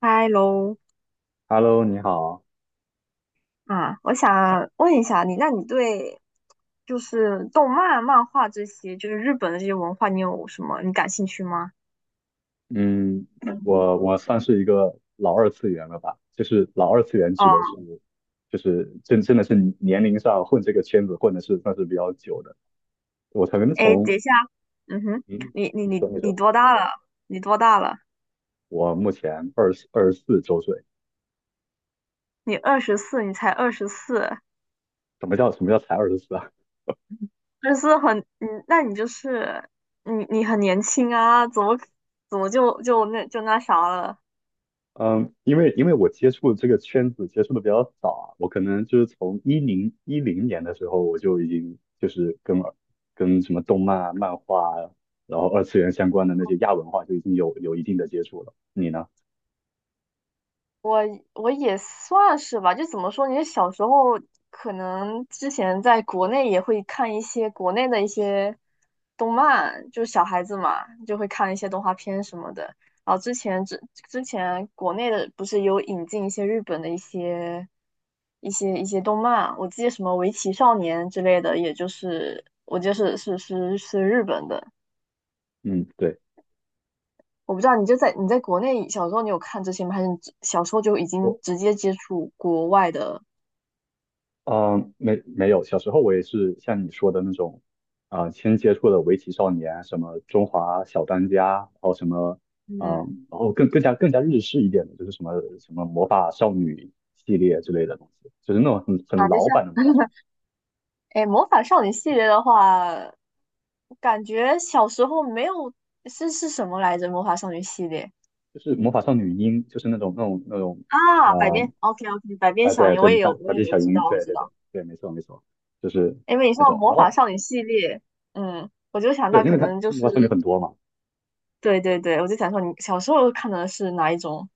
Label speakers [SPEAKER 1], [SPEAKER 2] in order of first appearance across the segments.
[SPEAKER 1] 嗨喽，
[SPEAKER 2] Hello，你好。
[SPEAKER 1] 啊，我想问一下你，那你对就是动漫、漫画这些，就是日本的这些文化，你有什么你感兴趣吗？
[SPEAKER 2] 嗯，我算是一个老二次元了吧？就是老二次元
[SPEAKER 1] 哦，
[SPEAKER 2] 指的是，就是真的是年龄上混这个圈子混的是算是比较久的。我曾
[SPEAKER 1] 哎，
[SPEAKER 2] 从，
[SPEAKER 1] 等一下，嗯哼，
[SPEAKER 2] 嗯，
[SPEAKER 1] 你你
[SPEAKER 2] 你
[SPEAKER 1] 你
[SPEAKER 2] 说你
[SPEAKER 1] 你
[SPEAKER 2] 说，
[SPEAKER 1] 多大了？你多大了？
[SPEAKER 2] 我目前二十四周岁。
[SPEAKER 1] 你二十四，你才二十四，
[SPEAKER 2] 什么叫才二十四啊？
[SPEAKER 1] 二十四很，嗯，那你就是你很年轻啊，怎么就那啥了？
[SPEAKER 2] 嗯，因为我接触这个圈子接触的比较早啊。我可能就是从1010年的时候，我就已经就是跟什么动漫啊、漫画啊，然后二次元相关的那些亚文化就已经有一定的接触了。你呢？
[SPEAKER 1] 我我也算是吧，就怎么说，你小时候可能之前在国内也会看一些国内的一些动漫，就小孩子嘛，就会看一些动画片什么的。然后之前国内的不是有引进一些日本的一些动漫，我记得什么《围棋少年》之类的，也就是我就是日本的。
[SPEAKER 2] 嗯，对，
[SPEAKER 1] 我不知道你就在你在国内小时候你有看这些吗？还是你只小时候就已经
[SPEAKER 2] 我。
[SPEAKER 1] 直接接触国外的？
[SPEAKER 2] 嗯，没有，小时候我也是像你说的那种。先接触的围棋少年，什么中华小当家，然后什么，啊、
[SPEAKER 1] 嗯，
[SPEAKER 2] 然后更加日式一点的，就是什么魔法少女系列之类的东西，就是那种很
[SPEAKER 1] 啊，就
[SPEAKER 2] 老
[SPEAKER 1] 像，
[SPEAKER 2] 版的魔法少女，
[SPEAKER 1] 哎，魔法少女系列的话，感觉小时候没有，是什么来着？魔法少女系列
[SPEAKER 2] 就是魔法少女樱，就是那种，啊、
[SPEAKER 1] 啊，百变，OK OK,百变小
[SPEAKER 2] 对
[SPEAKER 1] 樱，
[SPEAKER 2] 对，百
[SPEAKER 1] 我
[SPEAKER 2] 百
[SPEAKER 1] 也
[SPEAKER 2] 变
[SPEAKER 1] 有
[SPEAKER 2] 小
[SPEAKER 1] 知
[SPEAKER 2] 樱，
[SPEAKER 1] 道，我
[SPEAKER 2] 对
[SPEAKER 1] 知
[SPEAKER 2] 对对
[SPEAKER 1] 道。
[SPEAKER 2] 对，没错没错，就是
[SPEAKER 1] 因为你
[SPEAKER 2] 那
[SPEAKER 1] 说到
[SPEAKER 2] 种。
[SPEAKER 1] 魔
[SPEAKER 2] 然
[SPEAKER 1] 法
[SPEAKER 2] 后
[SPEAKER 1] 少女系列，嗯，我就想
[SPEAKER 2] 对，
[SPEAKER 1] 到
[SPEAKER 2] 因
[SPEAKER 1] 可
[SPEAKER 2] 为它
[SPEAKER 1] 能就是，
[SPEAKER 2] 魔法少女很多嘛。
[SPEAKER 1] 对对对，我就想说你小时候看的是哪一种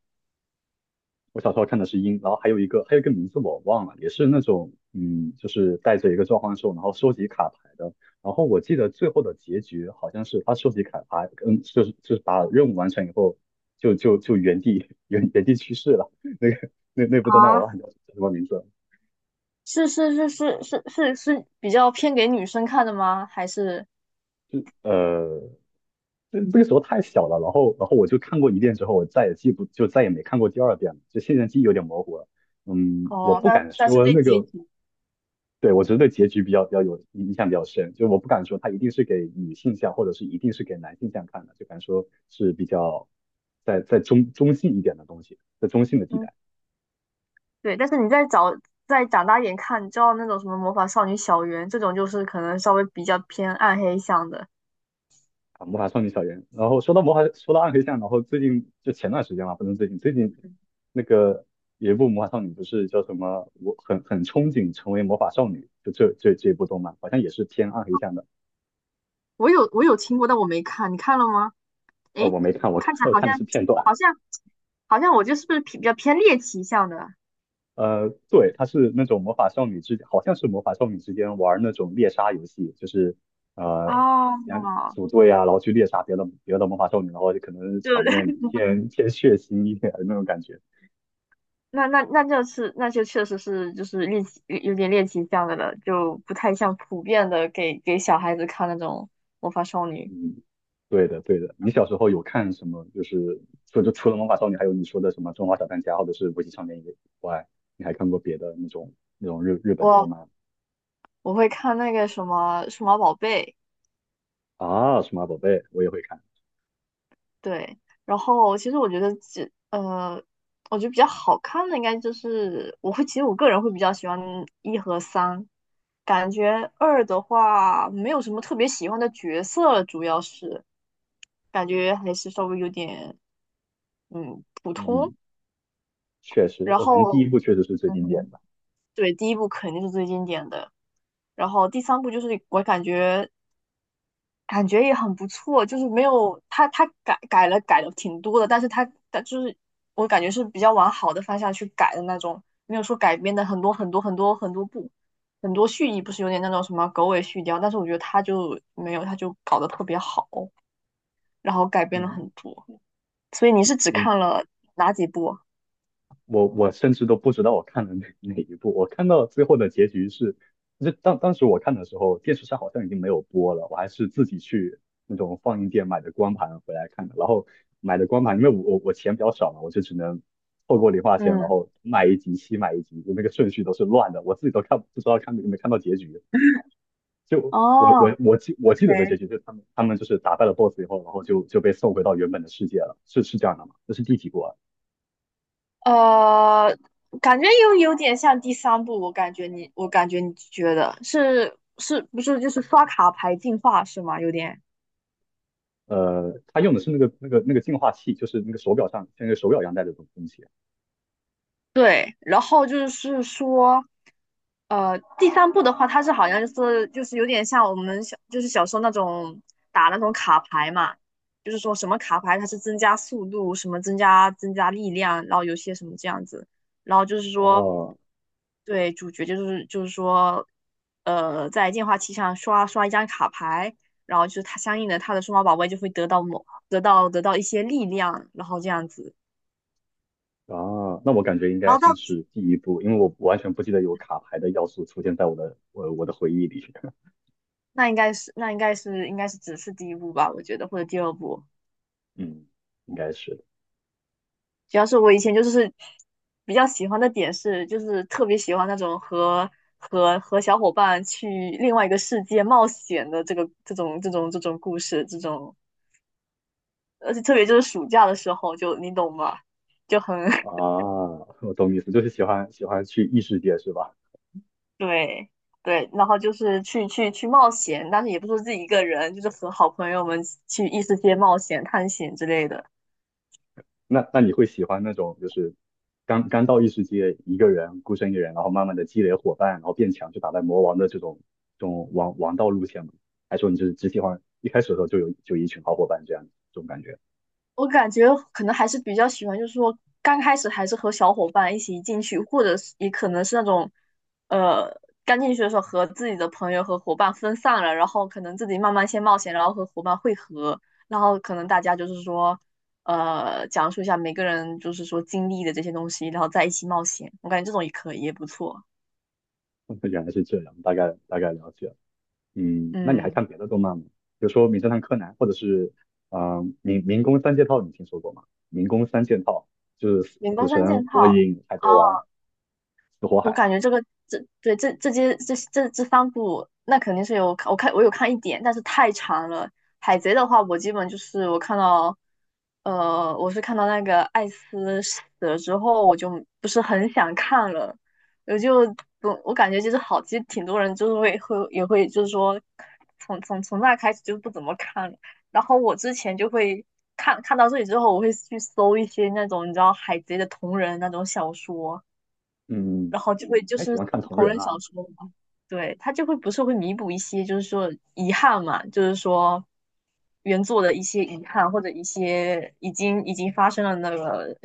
[SPEAKER 2] 我小时候看的是鹰，然后还有一个名字我忘了，也是那种。嗯，就是带着一个召唤兽，然后收集卡牌的。然后我记得最后的结局好像是他收集卡牌，嗯，就是把任务完成以后，就原地原地去世了。那部动漫我忘
[SPEAKER 1] 啊？
[SPEAKER 2] 了叫什么名字。
[SPEAKER 1] 是比较偏给女生看的吗？还是
[SPEAKER 2] 呃，那个时候太小了，然后我就看过一遍之后，我再也记不就再也没看过第二遍了，就现在记忆有点模糊了。嗯，我
[SPEAKER 1] 哦，
[SPEAKER 2] 不
[SPEAKER 1] 那
[SPEAKER 2] 敢
[SPEAKER 1] 但是
[SPEAKER 2] 说
[SPEAKER 1] 对
[SPEAKER 2] 那
[SPEAKER 1] 结
[SPEAKER 2] 个
[SPEAKER 1] 局。
[SPEAKER 2] 对，我觉得对结局比较有印象比较深，就我不敢说它一定是给女性向，或者是一定是给男性向看的，就敢说是比较在中性一点的东西，在中性的地
[SPEAKER 1] 嗯。
[SPEAKER 2] 带。
[SPEAKER 1] 对，但是你再长大一点看，你知道那种什么魔法少女小圆这种，就是可能稍微比较偏暗黑向的。
[SPEAKER 2] 啊，《魔法少女小圆》。然后说到魔法，说到暗黑向，然后最近就前段时间嘛，不能最近。最近那个有一部魔法少女不是叫什么，我很憧憬成为魔法少女，就这一部动漫，好像也是偏暗黑向的。
[SPEAKER 1] 我有听过，但我没看，你看了吗？诶，
[SPEAKER 2] 我没看，我
[SPEAKER 1] 看起 来
[SPEAKER 2] 我
[SPEAKER 1] 好
[SPEAKER 2] 看
[SPEAKER 1] 像
[SPEAKER 2] 的是片段。
[SPEAKER 1] 好像我就是不是比较偏猎奇向的？
[SPEAKER 2] 对，它是那种魔法少女。好像是魔法少女之间玩那种猎杀游戏。就是，呃，两
[SPEAKER 1] 哦，
[SPEAKER 2] 组队啊，然后去猎杀别的魔法少女，然后就可能
[SPEAKER 1] 就
[SPEAKER 2] 场面 偏血腥一点的那种感觉。
[SPEAKER 1] 那就是那就确实是就是猎奇有点猎奇向的了，就不太像普遍的给小孩子看那种魔法少女。
[SPEAKER 2] 嗯，对的，对的。你小时候有看什么？就是除了魔法少女，还有你说的什么《中华小当家》或者是《围棋少年》以外，你还看过别的那种日本的动
[SPEAKER 1] 我
[SPEAKER 2] 漫
[SPEAKER 1] 我会看那个什么数码宝贝。
[SPEAKER 2] 啊？数码宝贝我也会看。
[SPEAKER 1] 对，然后其实我觉得比较好看的应该就是我会，其实我个人会比较喜欢一和三，感觉二的话没有什么特别喜欢的角色，主要是感觉还是稍微有点普通。
[SPEAKER 2] 嗯，确实，
[SPEAKER 1] 然
[SPEAKER 2] 我感觉第一
[SPEAKER 1] 后，
[SPEAKER 2] 部确实是最
[SPEAKER 1] 嗯
[SPEAKER 2] 经典的。
[SPEAKER 1] 哼，对，第一部肯定是最经典的，然后第三部就是我感觉也很不错，就是没有他改了挺多的，但是他就是我感觉是比较往好的方向去改的那种，没有说改编的很多很多很多很多部，很多续集不是有点那种什么狗尾续貂，但是我觉得他就没有，他就搞得特别好，然后改编了
[SPEAKER 2] 嗯。
[SPEAKER 1] 很多，所以你是只
[SPEAKER 2] 你
[SPEAKER 1] 看了哪几部？
[SPEAKER 2] 我甚至都不知道我看了哪一部，我看到最后的结局是，当时我看的时候，电视上好像已经没有播了，我还是自己去那种放映店买的光盘回来看的。然后买的光盘，因为我钱比较少嘛，我就只能透过零花钱，然
[SPEAKER 1] 嗯，
[SPEAKER 2] 后买一集，就那个顺序都是乱的，我自己都看不知道看有没有看到结局，就我
[SPEAKER 1] 哦
[SPEAKER 2] 我我记我记得
[SPEAKER 1] ，OK。
[SPEAKER 2] 的结局就是他们就是打败了 BOSS 以后，然后就被送回到原本的世界了，是这样的吗？这是第几部啊？
[SPEAKER 1] 呃，感觉又有点像第三部，我感觉你，我感觉你觉得是不是就是刷卡牌进化是吗？有点
[SPEAKER 2] 他用的是那个净化器，就是那个手表上像那个手表一样戴的东西。
[SPEAKER 1] 对，然后就是说，呃，第三部的话，它是好像就是有点像我们小就是小时候那种打那种卡牌嘛，就是说什么卡牌它是增加速度，什么增加力量，然后有些什么这样子，然后就是说，
[SPEAKER 2] 哦，
[SPEAKER 1] 对，主角就是说，呃，在电话机上刷一张卡牌，然后就是它相应的它的数码宝贝就会得到某得到得到一些力量，然后这样子，
[SPEAKER 2] 啊，那我感觉应
[SPEAKER 1] 然
[SPEAKER 2] 该
[SPEAKER 1] 后到
[SPEAKER 2] 先是第一步，因为我完全不记得有卡牌的要素出现在我的回忆里。
[SPEAKER 1] 那应该是那应该是应该是只是第一部吧，我觉得或者第二部。
[SPEAKER 2] 嗯，应该是的。
[SPEAKER 1] 主要是我以前就是比较喜欢的点是，就是特别喜欢那种和小伙伴去另外一个世界冒险的这种故事，这种而且特别就是暑假的时候就，你懂吗？就很
[SPEAKER 2] 啊 我懂意思，就是喜欢去异世界是吧？
[SPEAKER 1] 对对，然后就是去冒险，但是也不是自己一个人，就是和好朋友们去异世界冒险、探险之类的。
[SPEAKER 2] 那你会喜欢那种就是刚刚到异世界一个人孤身一人，然后慢慢的积累伙伴，然后变强去打败魔王的这种王道路线吗？还是说你就是只喜欢一开始的时候就有就一群好伙伴这样这种感觉？
[SPEAKER 1] 我感觉可能还是比较喜欢，就是说刚开始还是和小伙伴一起进去，或者是也可能是那种，呃，刚进去的时候和自己的朋友和伙伴分散了，然后可能自己慢慢先冒险，然后和伙伴汇合，然后可能大家就是说，呃，讲述一下每个人就是说经历的这些东西，然后在一起冒险。我感觉这种也可以，也不错。
[SPEAKER 2] 原来是这样，大概大概了解了。嗯，那你还
[SPEAKER 1] 嗯，
[SPEAKER 2] 看别的动漫吗？比如说《名侦探柯南》，或者是民工三件套，你听说过吗？民工三件套就是死
[SPEAKER 1] 员
[SPEAKER 2] 死
[SPEAKER 1] 工三
[SPEAKER 2] 神、
[SPEAKER 1] 件
[SPEAKER 2] 火
[SPEAKER 1] 套。
[SPEAKER 2] 影、海贼王、
[SPEAKER 1] 哦，
[SPEAKER 2] 死火
[SPEAKER 1] 我
[SPEAKER 2] 海。
[SPEAKER 1] 感觉这个这对这这些这这这三部，那肯定是有看我看我有看一点，但是太长了。海贼的话，我基本就是我看到，呃，我是看到那个艾斯死了之后，我就不是很想看了，我就我感觉就是好，其实挺多人就是也会就是说，从那开始就不怎么看了。然后我之前就会看到这里之后，我会去搜一些那种你知道海贼的同人那种小说。
[SPEAKER 2] 嗯，嗯嗯，
[SPEAKER 1] 然后就会就
[SPEAKER 2] 还喜
[SPEAKER 1] 是
[SPEAKER 2] 欢看同
[SPEAKER 1] 同
[SPEAKER 2] 人
[SPEAKER 1] 人小
[SPEAKER 2] 啊。
[SPEAKER 1] 说嘛，对，它就会不是会弥补一些就是说遗憾嘛，就是说原作的一些遗憾或者一些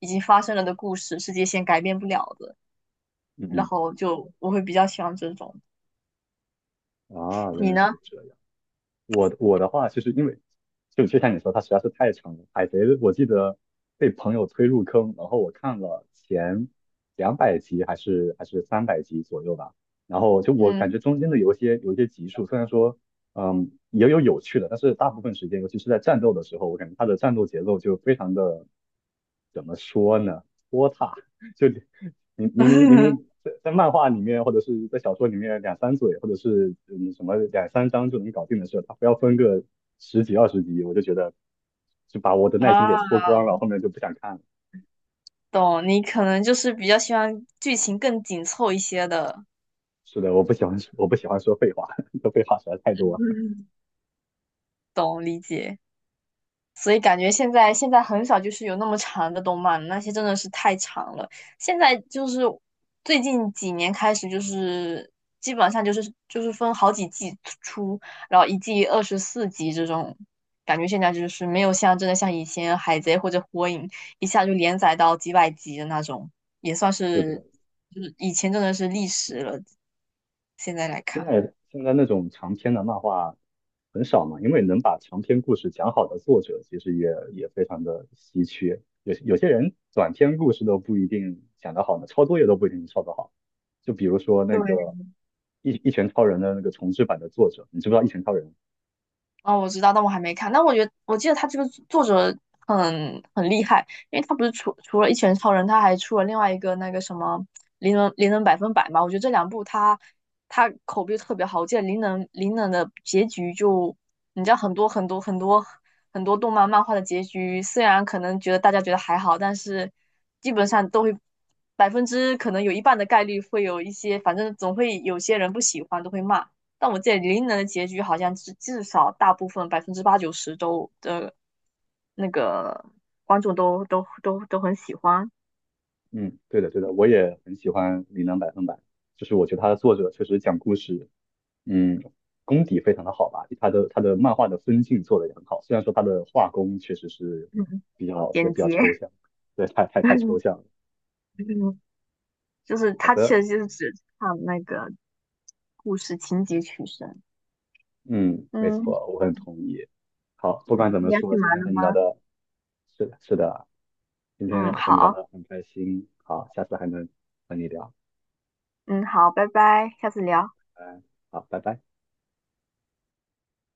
[SPEAKER 1] 已经发生了的故事，世界线改变不了的，
[SPEAKER 2] 嗯
[SPEAKER 1] 然
[SPEAKER 2] 嗯。
[SPEAKER 1] 后就我会比较喜欢这种。
[SPEAKER 2] 啊，原
[SPEAKER 1] 你
[SPEAKER 2] 来
[SPEAKER 1] 呢？
[SPEAKER 2] 是这样。我的话，其实因为就像你说，它实在是太长了。海贼，我记得被朋友推入坑，然后我看了前200集还是300集左右吧。然后就我感
[SPEAKER 1] 嗯
[SPEAKER 2] 觉中间的有一些集数，虽然说也有有趣的，但是大部分时间，尤其是在战斗的时候，我感觉它的战斗节奏就非常的，怎么说呢，拖沓。就明明 在漫画里面或者是在小说里面两三嘴或者是什么两三章就能搞定的事，他非要分个十几二十集，我就觉得就把我的耐心
[SPEAKER 1] 啊，
[SPEAKER 2] 给搓光了，后面就不想看了。
[SPEAKER 1] 懂，你可能就是比较喜欢剧情更紧凑一些的，
[SPEAKER 2] 是的，我不喜欢说废话，说废话实在太多了。
[SPEAKER 1] 懂理解。所以感觉现在很少就是有那么长的动漫，那些真的是太长了。现在就是最近几年开始，就是基本上就是分好几季出，然后一季24集这种。感觉现在就是没有像真的像以前海贼或者火影一下就连载到几百集的那种，也算
[SPEAKER 2] 是
[SPEAKER 1] 是
[SPEAKER 2] 的，
[SPEAKER 1] 就是以前真的是历史了。现在来
[SPEAKER 2] 现
[SPEAKER 1] 看，
[SPEAKER 2] 在现在那种长篇的漫画很少嘛，因为能把长篇故事讲好的作者其实也非常的稀缺。有些人短篇故事都不一定讲得好呢，抄作业都不一定抄得好。就比如说那个
[SPEAKER 1] 对，
[SPEAKER 2] 一拳超人的那个重制版的作者，你知不知道一拳超人？
[SPEAKER 1] 哦，我知道，但我还没看。但我觉得，我记得他这个作者很厉害，因为他不是除了《一拳超人》，他还出了另外一个那个什么《灵能百分百》嘛。我觉得这两部他口碑特别好。我记得《灵能》的结局就，你知道很多很多很多很多动漫漫画的结局，虽然可能觉得大家觉得还好，但是基本上都会百分之可能有一半的概率会有一些，反正总会有些人不喜欢，都会骂。但我记得林能的结局好像至少大部分百分之八九十都的那个观众都很喜欢。
[SPEAKER 2] 嗯，对的对的，我也很喜欢《琳能百分百》，就是我觉得他的作者确实讲故事。嗯，功底非常的好吧，他的漫画的分镜做得也很好，虽然说他的画工确实是
[SPEAKER 1] 嗯，
[SPEAKER 2] 比较也
[SPEAKER 1] 简
[SPEAKER 2] 比较
[SPEAKER 1] 洁，
[SPEAKER 2] 抽象。对，太抽象 了。
[SPEAKER 1] 就是
[SPEAKER 2] 好
[SPEAKER 1] 他
[SPEAKER 2] 的。
[SPEAKER 1] 确实就是只看那个故事情节取胜。
[SPEAKER 2] 嗯，没
[SPEAKER 1] 嗯
[SPEAKER 2] 错，我很同意。好，不管
[SPEAKER 1] 嗯，
[SPEAKER 2] 怎么
[SPEAKER 1] 你要
[SPEAKER 2] 说，
[SPEAKER 1] 去
[SPEAKER 2] 今
[SPEAKER 1] 忙
[SPEAKER 2] 天和你
[SPEAKER 1] 了。
[SPEAKER 2] 聊的，是的，是的，今
[SPEAKER 1] 嗯，
[SPEAKER 2] 天和你聊
[SPEAKER 1] 好，
[SPEAKER 2] 的很开心。好，下次还能和你聊。
[SPEAKER 1] 嗯好，拜拜，下次聊。
[SPEAKER 2] 拜，好，拜拜。